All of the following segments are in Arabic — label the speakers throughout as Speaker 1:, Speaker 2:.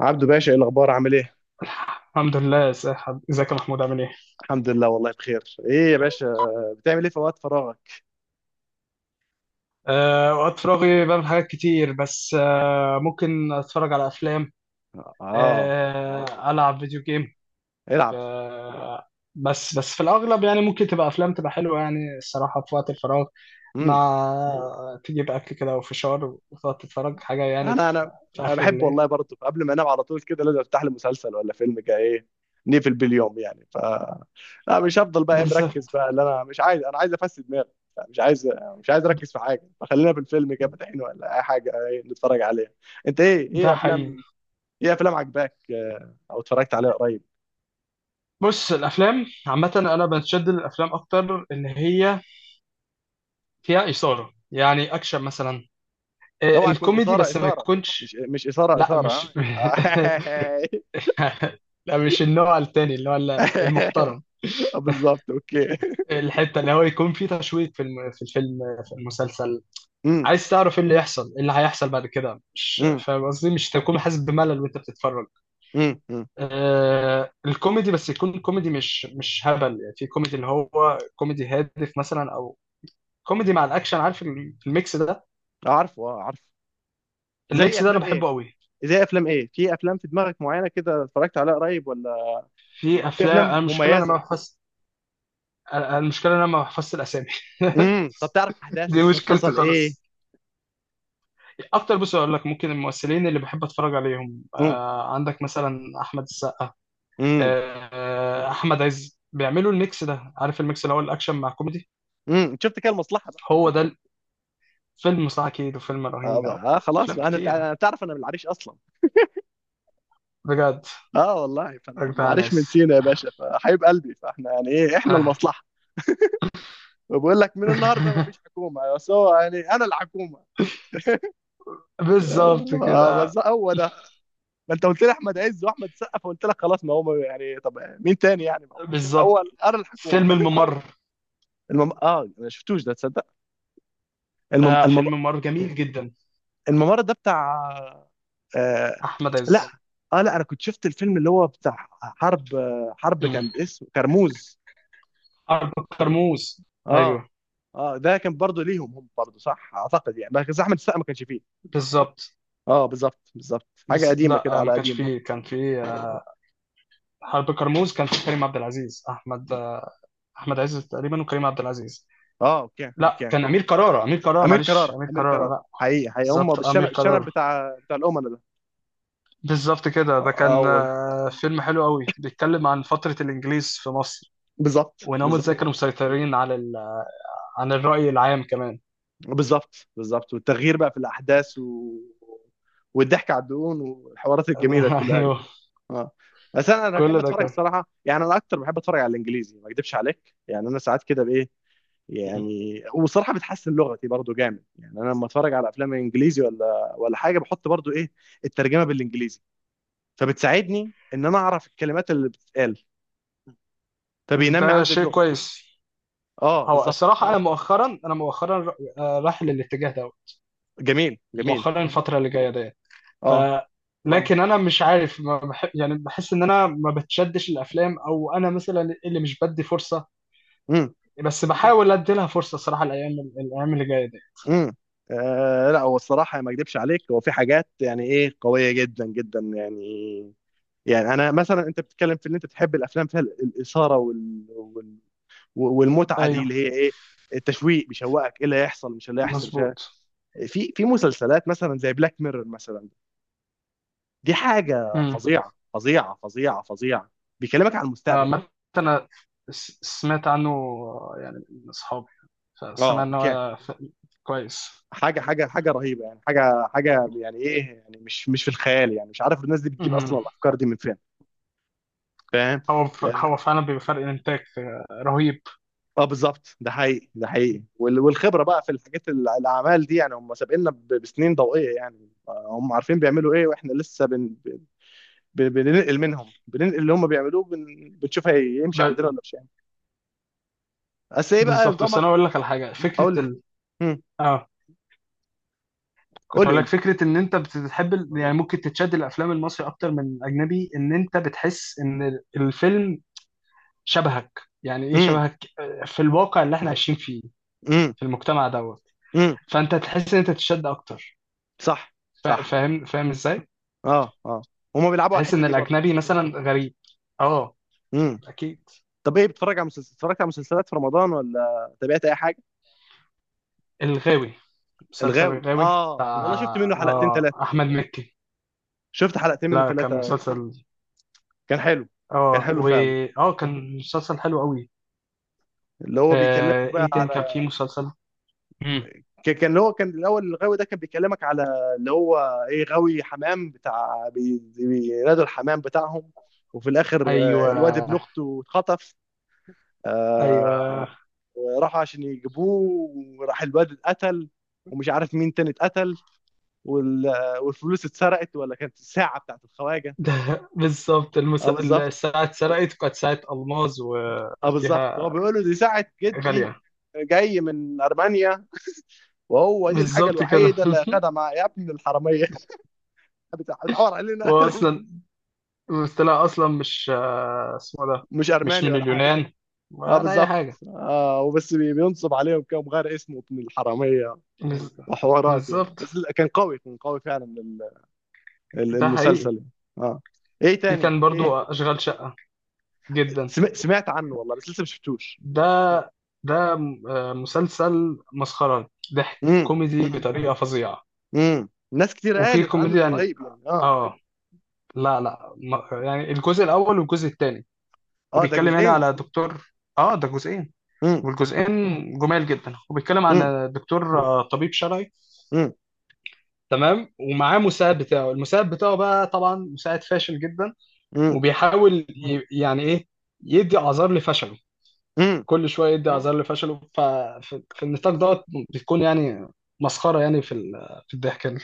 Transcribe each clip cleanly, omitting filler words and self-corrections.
Speaker 1: عبدو باشا، ايه الاخبار؟ عامل ايه؟
Speaker 2: الحمد لله يا ساحب، ازيك يا محمود؟ عامل ايه؟
Speaker 1: الحمد لله والله بخير. ايه يا باشا، بتعمل ايه في وقت فراغك؟
Speaker 2: وقت فراغي بعمل حاجات كتير، بس ممكن اتفرج على افلام.
Speaker 1: اه،
Speaker 2: العب فيديو جيم.
Speaker 1: العب.
Speaker 2: أه. بس في الاغلب يعني ممكن تبقى افلام تبقى حلوه يعني الصراحه في وقت الفراغ،
Speaker 1: امم
Speaker 2: مع تجيب اكل كده وفشار وتقعد تتفرج حاجه يعني
Speaker 1: انا انا
Speaker 2: في
Speaker 1: انا
Speaker 2: اخر
Speaker 1: بحب
Speaker 2: الليل.
Speaker 1: والله برضه، قبل ما انام على طول كده لازم افتح لي مسلسل ولا فيلم كده، ايه، نقفل باليوم يعني. لا، مش هفضل بقى إيه مركز
Speaker 2: بالظبط.
Speaker 1: بقى، اللي انا مش عايز. انا عايز افسد دماغي. مش عايز، مش عايز اركز في حاجه. فخلينا في الفيلم كده فاتحين ولا اي حاجه، إيه، نتفرج عليها. انت ايه
Speaker 2: ده حقيقي.
Speaker 1: افلام، ايه افلام عجباك آه، او اتفرجت عليها قريب؟
Speaker 2: بص، الافلام عامه انا بتشد للافلام اكتر اللي هي فيها اثاره، يعني اكشن مثلا.
Speaker 1: اوعى تكون
Speaker 2: الكوميدي
Speaker 1: اثاره
Speaker 2: بس ما
Speaker 1: اثاره. مش
Speaker 2: يكونش
Speaker 1: مش اثاره
Speaker 2: لا مش
Speaker 1: اثاره ها.
Speaker 2: لا، مش النوع التاني اللي هو المحترم.
Speaker 1: آه، بالظبط، اوكي.
Speaker 2: الحتة اللي هو يكون فيه تشويق في في الفيلم، في المسلسل.
Speaker 1: امم،
Speaker 2: عايز تعرف ايه اللي يحصل، ايه اللي هيحصل بعد كده، مش
Speaker 1: امم،
Speaker 2: فاهم قصدي؟ مش تكون حاسس بملل وانت بتتفرج.
Speaker 1: امم، أمم.
Speaker 2: الكوميدي بس يكون كوميدي مش هبل يعني، في كوميدي اللي هو كوميدي هادف مثلا، او كوميدي مع الاكشن، عارف الميكس ده؟
Speaker 1: عارفه، اه، عارفه. زي
Speaker 2: الميكس ده انا
Speaker 1: افلام ايه؟
Speaker 2: بحبه قوي.
Speaker 1: زي افلام ايه، في افلام في دماغك معينه كده اتفرجت عليها قريب ولا؟
Speaker 2: في
Speaker 1: في
Speaker 2: افلام،
Speaker 1: افلام
Speaker 2: انا المشكله انا ما
Speaker 1: مميزه؟
Speaker 2: بحفظ. المشكله إن انا ما بحفظش الاسامي.
Speaker 1: طب تعرف
Speaker 2: دي
Speaker 1: احداث
Speaker 2: مشكلتي
Speaker 1: حصل ايه.
Speaker 2: خالص. اكتر، بص اقول لك، ممكن الممثلين اللي بحب اتفرج عليهم،
Speaker 1: امم،
Speaker 2: عندك مثلا احمد السقا،
Speaker 1: امم.
Speaker 2: احمد عز، بيعملوا الميكس ده، عارف الميكس اللي هو الاكشن مع كوميدي؟
Speaker 1: شفت كده المصلحه بقى.
Speaker 2: هو ده. الفيلم صح، اكيد، وفيلم
Speaker 1: اه،
Speaker 2: رهينه
Speaker 1: بقى. آه خلاص
Speaker 2: وافلام
Speaker 1: بقى. انا
Speaker 2: كتير.
Speaker 1: أنا تعرف انا من العريش اصلا.
Speaker 2: بجد.
Speaker 1: اه والله، فانا من
Speaker 2: اجدع
Speaker 1: العريش، من
Speaker 2: ناس.
Speaker 1: سينا يا باشا، فحبيب قلبي، فاحنا يعني ايه، احنا
Speaker 2: آه.
Speaker 1: المصلحه. بقول لك من النهارده مفيش حكومه، بس هو يعني انا الحكومه.
Speaker 2: بالظبط
Speaker 1: آه،
Speaker 2: كده.
Speaker 1: بس هو ده. ما انت قلت لي احمد عز واحمد سقا، فقلت لك خلاص، ما هو يعني طب مين تاني يعني؟ ما هو
Speaker 2: بالظبط.
Speaker 1: الاول انا الحكومه.
Speaker 2: فيلم الممر.
Speaker 1: اه ما شفتوش ده، تصدق. المم...
Speaker 2: آه،
Speaker 1: المم...
Speaker 2: فيلم الممر جميل جدا.
Speaker 1: الممر ده بتاع... آه...
Speaker 2: احمد
Speaker 1: لا.
Speaker 2: عز.
Speaker 1: اه، لا انا كنت شفت الفيلم اللي هو بتاع حرب، آه، حرب
Speaker 2: مم.
Speaker 1: كان اسمه كرموز.
Speaker 2: اربع كرموز.
Speaker 1: اه،
Speaker 2: ايوه.
Speaker 1: اه، ده كان برضه ليهم، هم برضه صح اعتقد يعني، بس احمد السقا ما كانش فيه.
Speaker 2: بالظبط.
Speaker 1: اه بالظبط بالظبط، حاجه
Speaker 2: بس
Speaker 1: قديمه كده
Speaker 2: لا ما
Speaker 1: على
Speaker 2: كانش
Speaker 1: قديمه.
Speaker 2: فيه، كان فيه حرب كرموز، كان فيه كريم عبد العزيز، احمد احمد عز تقريبا، وكريم عبد العزيز.
Speaker 1: اه اوكي
Speaker 2: لا،
Speaker 1: اوكي.
Speaker 2: كان امير كرارة، امير كرارة،
Speaker 1: امير
Speaker 2: معلش،
Speaker 1: كرارة،
Speaker 2: امير
Speaker 1: امير
Speaker 2: كرارة،
Speaker 1: كرارة.
Speaker 2: لا.
Speaker 1: حقيقي حقيقي، هم
Speaker 2: بالظبط،
Speaker 1: بالشنب،
Speaker 2: امير
Speaker 1: الشنب
Speaker 2: كرارة.
Speaker 1: بتاع الامناء ده.
Speaker 2: بالظبط كده. ده كان
Speaker 1: اول،
Speaker 2: فيلم حلو قوي، بيتكلم عن فترة الانجليز في مصر،
Speaker 1: بالظبط
Speaker 2: وان هم
Speaker 1: بالظبط
Speaker 2: ازاي كانوا مسيطرين على عن الرأي العام كمان.
Speaker 1: بالظبط بالظبط، والتغيير بقى في الاحداث و... والضحك على الدقون والحوارات الجميله كلها دي.
Speaker 2: ايوه.
Speaker 1: اه، بس انا بحب
Speaker 2: كل ده
Speaker 1: اتفرج
Speaker 2: كان.
Speaker 1: الصراحه يعني. انا اكتر بحب اتفرج على الانجليزي، ما اكدبش عليك، يعني انا ساعات كده بايه يعني. وصراحه بتحسن لغتي برضو جامد يعني. انا لما اتفرج على افلام انجليزي ولا حاجه بحط برضو ايه، الترجمه بالانجليزي، فبتساعدني ان انا اعرف الكلمات اللي بتتقال، فبينمي
Speaker 2: ده
Speaker 1: عندي
Speaker 2: شيء
Speaker 1: اللغه.
Speaker 2: كويس.
Speaker 1: اه
Speaker 2: هو
Speaker 1: بالظبط.
Speaker 2: الصراحة، أنا مؤخرا رايح للاتجاه ده.
Speaker 1: جميل جميل.
Speaker 2: مؤخرا، الفترة اللي جاية دي. ف
Speaker 1: اه.
Speaker 2: اه لكن انا مش عارف، ما بح... يعني بحس ان انا ما بتشدش الافلام، او انا مثلا اللي مش بدي فرصه،
Speaker 1: امم،
Speaker 2: بس بحاول ادي لها فرصه صراحه، الايام اللي جايه دي.
Speaker 1: امم. آه لا، هو الصراحه ما اكدبش عليك، هو في حاجات يعني ايه قويه جدا جدا يعني. يعني انا مثلا، انت بتتكلم في ان انت تحب الافلام فيها الاثاره والمتعه دي
Speaker 2: ايوه.
Speaker 1: اللي هي ايه، التشويق، بيشوقك ايه اللي هيحصل، مش اللي هيحصل، مش هي-
Speaker 2: مظبوط.
Speaker 1: في مسلسلات مثلا زي بلاك ميرور مثلا. دي حاجه
Speaker 2: امم.
Speaker 1: فظيعه فظيعه فظيعه فظيعه. بيكلمك عن المستقبل.
Speaker 2: عامه انا سمعت عنه يعني من اصحابي،
Speaker 1: اه
Speaker 2: فسمع ان
Speaker 1: اوكي.
Speaker 2: هو كويس.
Speaker 1: حاجه حاجه حاجه رهيبه يعني، حاجه حاجه يعني ايه، يعني مش في الخيال يعني، مش عارف الناس دي بتجيب اصلا
Speaker 2: امم.
Speaker 1: الافكار دي من فين. فاهم.
Speaker 2: هو ف...
Speaker 1: اه.
Speaker 2: مم. هو فعلا بيبقى فرق الانتاج رهيب.
Speaker 1: آه، بالظبط. ده حقيقي، ده حقيقي. والخبره بقى في الحاجات الاعمال دي يعني. هم سابقنا بسنين ضوئيه يعني. آه، هم عارفين بيعملوا ايه، واحنا لسه بننقل منهم، بننقل اللي هم بيعملوه، بنشوف
Speaker 2: ب...
Speaker 1: هيمشي عندنا ولا مش هيمشي. بس ايه بقى
Speaker 2: بالظبط. بس
Speaker 1: نظامك.
Speaker 2: انا اقول لك على حاجه،
Speaker 1: قول
Speaker 2: فكره
Speaker 1: لي.
Speaker 2: ال...
Speaker 1: امم.
Speaker 2: اه كنت
Speaker 1: قول لي،
Speaker 2: اقول
Speaker 1: قول
Speaker 2: لك
Speaker 1: لي.
Speaker 2: فكره، ان انت بتحب يعني ممكن تتشد الافلام المصري اكتر من الاجنبي، ان انت بتحس ان الفيلم شبهك، يعني ايه
Speaker 1: امم،
Speaker 2: شبهك؟ في الواقع اللي احنا عايشين فيه،
Speaker 1: امم،
Speaker 2: في المجتمع دوت.
Speaker 1: امم،
Speaker 2: فانت تحس ان انت تتشد اكتر.
Speaker 1: صح، صح،
Speaker 2: فاهم؟ فاهم ازاي؟
Speaker 1: اه، اه. هم بيلعبوا على
Speaker 2: تحس
Speaker 1: الحته
Speaker 2: ان
Speaker 1: دي برضه.
Speaker 2: الاجنبي مثلا غريب. اه. اكيد.
Speaker 1: طب ايه، بتتفرج على مسلسل، اتفرجت على مسلسلات في رمضان ولا تابعت اي حاجه؟
Speaker 2: الغاوي، مسلسل
Speaker 1: الغاوي،
Speaker 2: الغاوي.
Speaker 1: اه
Speaker 2: بتاع
Speaker 1: والله، شفت منه حلقتين
Speaker 2: اه
Speaker 1: ثلاثه.
Speaker 2: احمد مكي.
Speaker 1: شفت حلقتين منه
Speaker 2: لا، كان
Speaker 1: ثلاثه.
Speaker 2: مسلسل.
Speaker 1: كان حلو، كان
Speaker 2: اه
Speaker 1: حلو
Speaker 2: و
Speaker 1: فعلا.
Speaker 2: اه، كان مسلسل حلو قوي.
Speaker 1: اللي هو بيكلمك
Speaker 2: آه،
Speaker 1: بقى
Speaker 2: ايه تاني كان فيه
Speaker 1: على،
Speaker 2: مسلسل؟
Speaker 1: كان اللي هو كان الاول، الغاوي ده كان بيكلمك على اللي هو، ايه، غاوي حمام، بتاع بينادوا الحمام بتاعهم. وفي الاخر
Speaker 2: ايوه.
Speaker 1: آه، الواد ابن اخته اتخطف. آه،
Speaker 2: ايوه.
Speaker 1: وراحوا عشان يجيبوه، وراح الواد اتقتل، ومش عارف مين تاني اتقتل، وال- والفلوس اتسرقت، ولا كانت الساعه بتاعت الخواجه.
Speaker 2: ده بالظبط
Speaker 1: اه بالظبط.
Speaker 2: الساعه اتسرقت، وكانت ساعه الماظ
Speaker 1: اه بالظبط، هو
Speaker 2: وفيها
Speaker 1: بيقول له دي ساعة
Speaker 2: غاليه.
Speaker 1: جدي، جاي من أرمينيا، وهو دي الحاجة
Speaker 2: بالظبط كده.
Speaker 1: الوحيدة اللي أخدها مع، يا ابن الحرامية. بتحور علينا.
Speaker 2: هو اصلا طلع اصلا مش اسمه إيه ده،
Speaker 1: مش
Speaker 2: مش
Speaker 1: أرماني
Speaker 2: من
Speaker 1: ولا حاجة.
Speaker 2: اليونان
Speaker 1: اه
Speaker 2: ولا اي
Speaker 1: بالظبط.
Speaker 2: حاجه.
Speaker 1: اه، وبس بينصب عليهم كده ومغير اسمه ابن الحرامية،
Speaker 2: بز-
Speaker 1: وحوارات يعني،
Speaker 2: بالظبط.
Speaker 1: بس لا، كان قوي، كان قوي فعلا
Speaker 2: ده حقيقي.
Speaker 1: المسلسل يعني. اه. ايه
Speaker 2: في
Speaker 1: تاني،
Speaker 2: كان برضو
Speaker 1: ايه؟
Speaker 2: اشغال شقه. جدا
Speaker 1: سمعت عنه والله، بس لسه ما شفتوش.
Speaker 2: ده. ده مسلسل مسخره، ضحك
Speaker 1: امم،
Speaker 2: كوميدي
Speaker 1: امم،
Speaker 2: بطريقه فظيعه،
Speaker 1: امم، ناس كتير
Speaker 2: وفي
Speaker 1: قالت عنه
Speaker 2: كوميديا
Speaker 1: إنه
Speaker 2: يعني.
Speaker 1: رهيب يعني. اه.
Speaker 2: اه. لا لا، يعني الجزء الاول والجزء الثاني، هو
Speaker 1: اه ده
Speaker 2: بيتكلم هنا
Speaker 1: جزئين.
Speaker 2: على دكتور. اه، ده جزئين،
Speaker 1: امم،
Speaker 2: والجزئين جمال جدا. هو بيتكلم عن دكتور طبيب شرعي،
Speaker 1: امم،
Speaker 2: تمام، ومعاه مساعد بتاعه، المساعد بتاعه بقى طبعا مساعد فاشل جدا،
Speaker 1: امم،
Speaker 2: وبيحاول يعني ايه، يدي اعذار لفشله،
Speaker 1: امم،
Speaker 2: كل شويه يدي اعذار لفشله. ففي في النطاق دوت بتكون يعني مسخره يعني في في الضحك يعني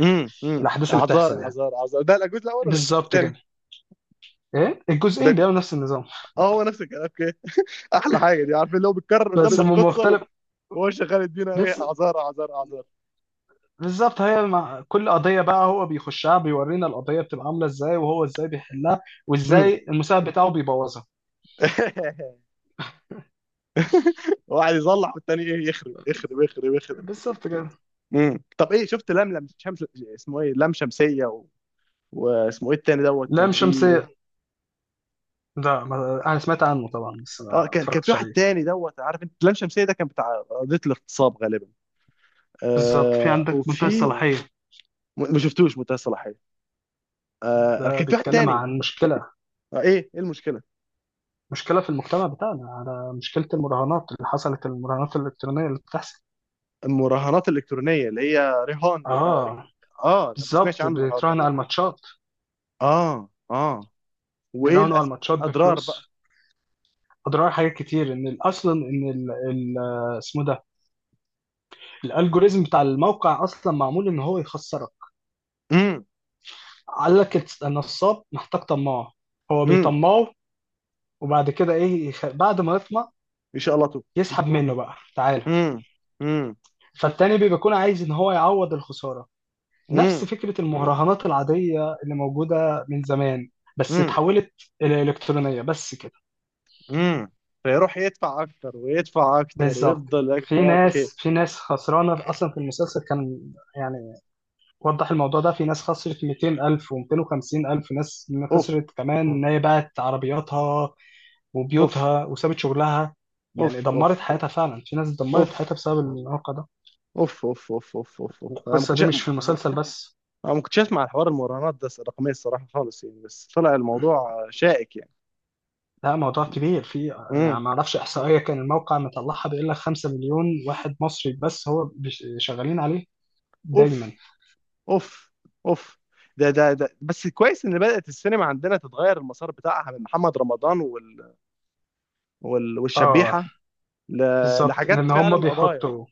Speaker 1: امم، امم.
Speaker 2: الاحداث اللي
Speaker 1: عذار،
Speaker 2: بتحصل يعني.
Speaker 1: عذار، عذار، ده الجزء الاول ولا الجزء
Speaker 2: بالظبط
Speaker 1: الثاني؟
Speaker 2: كده. ايه الجزئين
Speaker 1: ده،
Speaker 2: بيعملوا نفس النظام.
Speaker 1: اه، هو نفس الكلام. اوكي. احلى حاجه دي عارفين، اللي هو بيتكرر
Speaker 2: طب بس
Speaker 1: قدامنا
Speaker 2: هم
Speaker 1: القصه
Speaker 2: مختلف.
Speaker 1: وهو شغال يدينا ايه، اعذار، اعذار، اعذار.
Speaker 2: بالظبط، هي مع كل قضية بقى هو بيخشها، بيورينا القضية بتبقى عاملة ازاي، وهو ازاي بيحلها،
Speaker 1: امم.
Speaker 2: وازاي المساعد بتاعه بيبوظها.
Speaker 1: واحد يصلح والتاني ايه، يخرب يخرب يخرب يخرب.
Speaker 2: بالظبط كده.
Speaker 1: طب ايه شفت لملم شمس، اسمه ايه، لم شمسيه و... واسمه ايه التاني دوت، كان
Speaker 2: لام
Speaker 1: في
Speaker 2: شمسية ده، انا سمعت عنه طبعا، بس
Speaker 1: اه،
Speaker 2: ما
Speaker 1: كان في
Speaker 2: اتفرجتش
Speaker 1: واحد
Speaker 2: عليه.
Speaker 1: تاني دوت. عارف انت لم شمسيه ده كان بتاع قضيه الاغتصاب غالبا.
Speaker 2: بالظبط، في
Speaker 1: آه
Speaker 2: عندك منتهى
Speaker 1: وفي،
Speaker 2: الصلاحية،
Speaker 1: ما شفتوش منتهى الصلاحيه. آه، انا
Speaker 2: ده
Speaker 1: كان في واحد
Speaker 2: بيتكلم
Speaker 1: تاني.
Speaker 2: عن مشكلة،
Speaker 1: آه، ايه المشكله؟
Speaker 2: مشكلة في المجتمع بتاعنا، على مشكلة المراهنات اللي حصلت، المراهنات الإلكترونية اللي بتحصل.
Speaker 1: المراهنات الالكترونيه اللي هي رهان.
Speaker 2: اه،
Speaker 1: اه، انا ما سمعتش
Speaker 2: بالظبط،
Speaker 1: عنه النهارده ده.
Speaker 2: بيتراهنوا على الماتشات.
Speaker 1: اه، اه. وايه
Speaker 2: بيراهنوا على الماتشات
Speaker 1: الاضرار بقى؟
Speaker 2: بفلوس. أضرار حاجات كتير، إن أصلا إن اسمه ده، الالجوريزم بتاع الموقع اصلا معمول ان هو يخسرك.
Speaker 1: امم،
Speaker 2: قال لك النصاب محتاج طماع، هو
Speaker 1: امم.
Speaker 2: بيطمعه، وبعد كده ايه بعد ما يطمع
Speaker 1: ان شاء الله تو.
Speaker 2: يسحب منه بقى، تعالى.
Speaker 1: امم، امم،
Speaker 2: فالتاني بيبقى بيكون عايز ان هو يعوض الخسارة، نفس
Speaker 1: امم،
Speaker 2: فكرة المهرجانات العادية اللي موجودة من زمان، بس
Speaker 1: امم،
Speaker 2: اتحولت الى الكترونية، بس كده.
Speaker 1: امم. فيروح يدفع اكتر، ويدفع اكتر،
Speaker 2: بالظبط.
Speaker 1: ويفضل
Speaker 2: في
Speaker 1: أكتر. اوكي.
Speaker 2: ناس في ناس خسرانة اصلا في المسلسل كان يعني وضح الموضوع ده. في ناس خسرت 200,000 و250,000، ناس
Speaker 1: اوف،
Speaker 2: خسرت كمان إن هي باعت عربياتها
Speaker 1: اوف،
Speaker 2: وبيوتها وسابت شغلها،
Speaker 1: اوف،
Speaker 2: يعني
Speaker 1: اوف،
Speaker 2: دمرت حياتها فعلا. في ناس دمرت
Speaker 1: اوف،
Speaker 2: حياتها بسبب الواقع ده.
Speaker 1: اوف، اوف، اوف، اوف، اوف، اوف، انا ما
Speaker 2: والقصة
Speaker 1: كنتش.
Speaker 2: دي مش
Speaker 1: انا
Speaker 2: في المسلسل بس،
Speaker 1: ما كنتش اسمع الحوار المراهنات ده الرقميه الصراحه خالص يعني، بس طلع الموضوع شائك يعني.
Speaker 2: لا، موضوع كبير. في
Speaker 1: امم.
Speaker 2: يعني ما اعرفش احصائيه كان الموقع مطلعها، بيقول لك 5 مليون واحد مصري بس هو شغالين عليه دايما.
Speaker 1: اوف، اوف، اوف. ده بس كويس ان بدأت السينما عندنا تتغير المسار بتاعها من محمد رمضان
Speaker 2: اه،
Speaker 1: والشبيحة ل...
Speaker 2: بالظبط، لان
Speaker 1: لحاجات
Speaker 2: هم
Speaker 1: فعلا، قضايا.
Speaker 2: بيحطوا،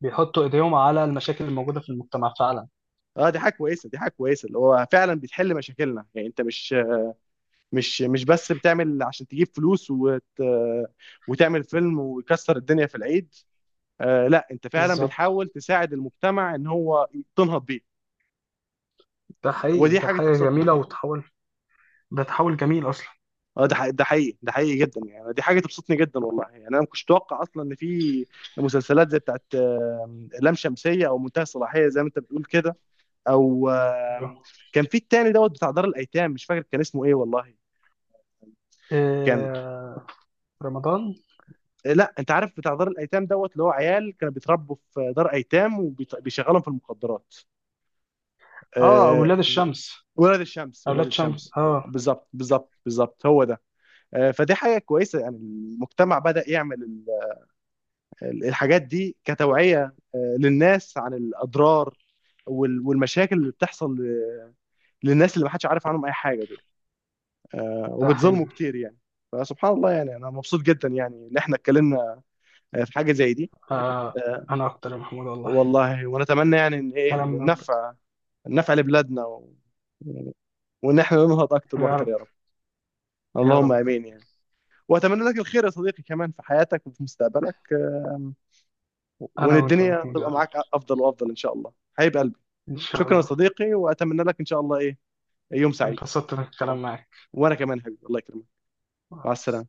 Speaker 2: بيحطوا ايديهم على المشاكل الموجوده في المجتمع فعلا.
Speaker 1: اه، دي حاجة كويسة، دي حاجة كويسة، اللي هو فعلا بتحل مشاكلنا يعني. انت مش بس بتعمل عشان تجيب فلوس وتعمل فيلم ويكسر الدنيا في العيد. آه لا، انت فعلا
Speaker 2: بالظبط.
Speaker 1: بتحاول تساعد المجتمع ان هو تنهض بيه.
Speaker 2: ده حقيقي.
Speaker 1: ودي
Speaker 2: ده
Speaker 1: حاجة
Speaker 2: حاجه
Speaker 1: تبسطني.
Speaker 2: جميله وتحول، ده تحول جميل اصلا.
Speaker 1: اه ده حقيقي، ده حقيقي، ده حقيقي جدا يعني. دي حاجه تبسطني جدا والله يعني. انا ما كنتش اتوقع اصلا ان في مسلسلات زي بتاعت لام شمسيه او منتهى الصلاحيه زي ما انت بتقول كده. او
Speaker 2: ايوه.
Speaker 1: كان في التاني دوت بتاع دار الايتام، مش فاكر كان اسمه ايه والله. كان
Speaker 2: آه، رمضان.
Speaker 1: آه، لا انت عارف بتاع دار الايتام دوت، اللي هو عيال كانوا بيتربوا في دار ايتام وبيشغلهم في المخدرات.
Speaker 2: اه،
Speaker 1: آه،
Speaker 2: اولاد الشمس.
Speaker 1: ولاد الشمس، ولاد
Speaker 2: اولاد شمس
Speaker 1: الشمس،
Speaker 2: اه.
Speaker 1: بالظبط بالظبط بالظبط، هو ده. آه، فدي حاجه كويسه يعني، المجتمع بدا يعمل الحاجات دي كتوعية آه للناس عن الأضرار والمشاكل اللي بتحصل للناس اللي محدش عارف عنهم أي حاجة، دول آه
Speaker 2: ده حقيقي.
Speaker 1: وبتظلموا كتير يعني. فسبحان الله يعني، أنا مبسوط جدا يعني إن إحنا اتكلمنا آه في حاجة زي دي.
Speaker 2: آه،
Speaker 1: آه.
Speaker 2: انا اكتر يا محمود والله،
Speaker 1: والله، ونتمنى يعني إن إيه
Speaker 2: كلام حبيبي من أنت.
Speaker 1: النفع، النفع لبلادنا و... وإن إحنا ننهض أكتر
Speaker 2: يا
Speaker 1: وأكتر
Speaker 2: رب.
Speaker 1: يا رب.
Speaker 2: يا
Speaker 1: اللهم
Speaker 2: رب.
Speaker 1: آمين يعني. وأتمنى لك الخير يا صديقي كمان، في حياتك وفي مستقبلك. آم، وإن
Speaker 2: انا وانت يا
Speaker 1: الدنيا
Speaker 2: محمود، يا
Speaker 1: تبقى
Speaker 2: رب.
Speaker 1: معاك أفضل وأفضل إن شاء الله. حبيب قلبي.
Speaker 2: ان شاء
Speaker 1: شكرا يا
Speaker 2: الله.
Speaker 1: صديقي، واتمنى لك ان شاء الله ايه، يوم سعيد.
Speaker 2: انبسطت من الكلام معاك.
Speaker 1: وانا كمان حبيبي، الله يكرمك. مع السلامه.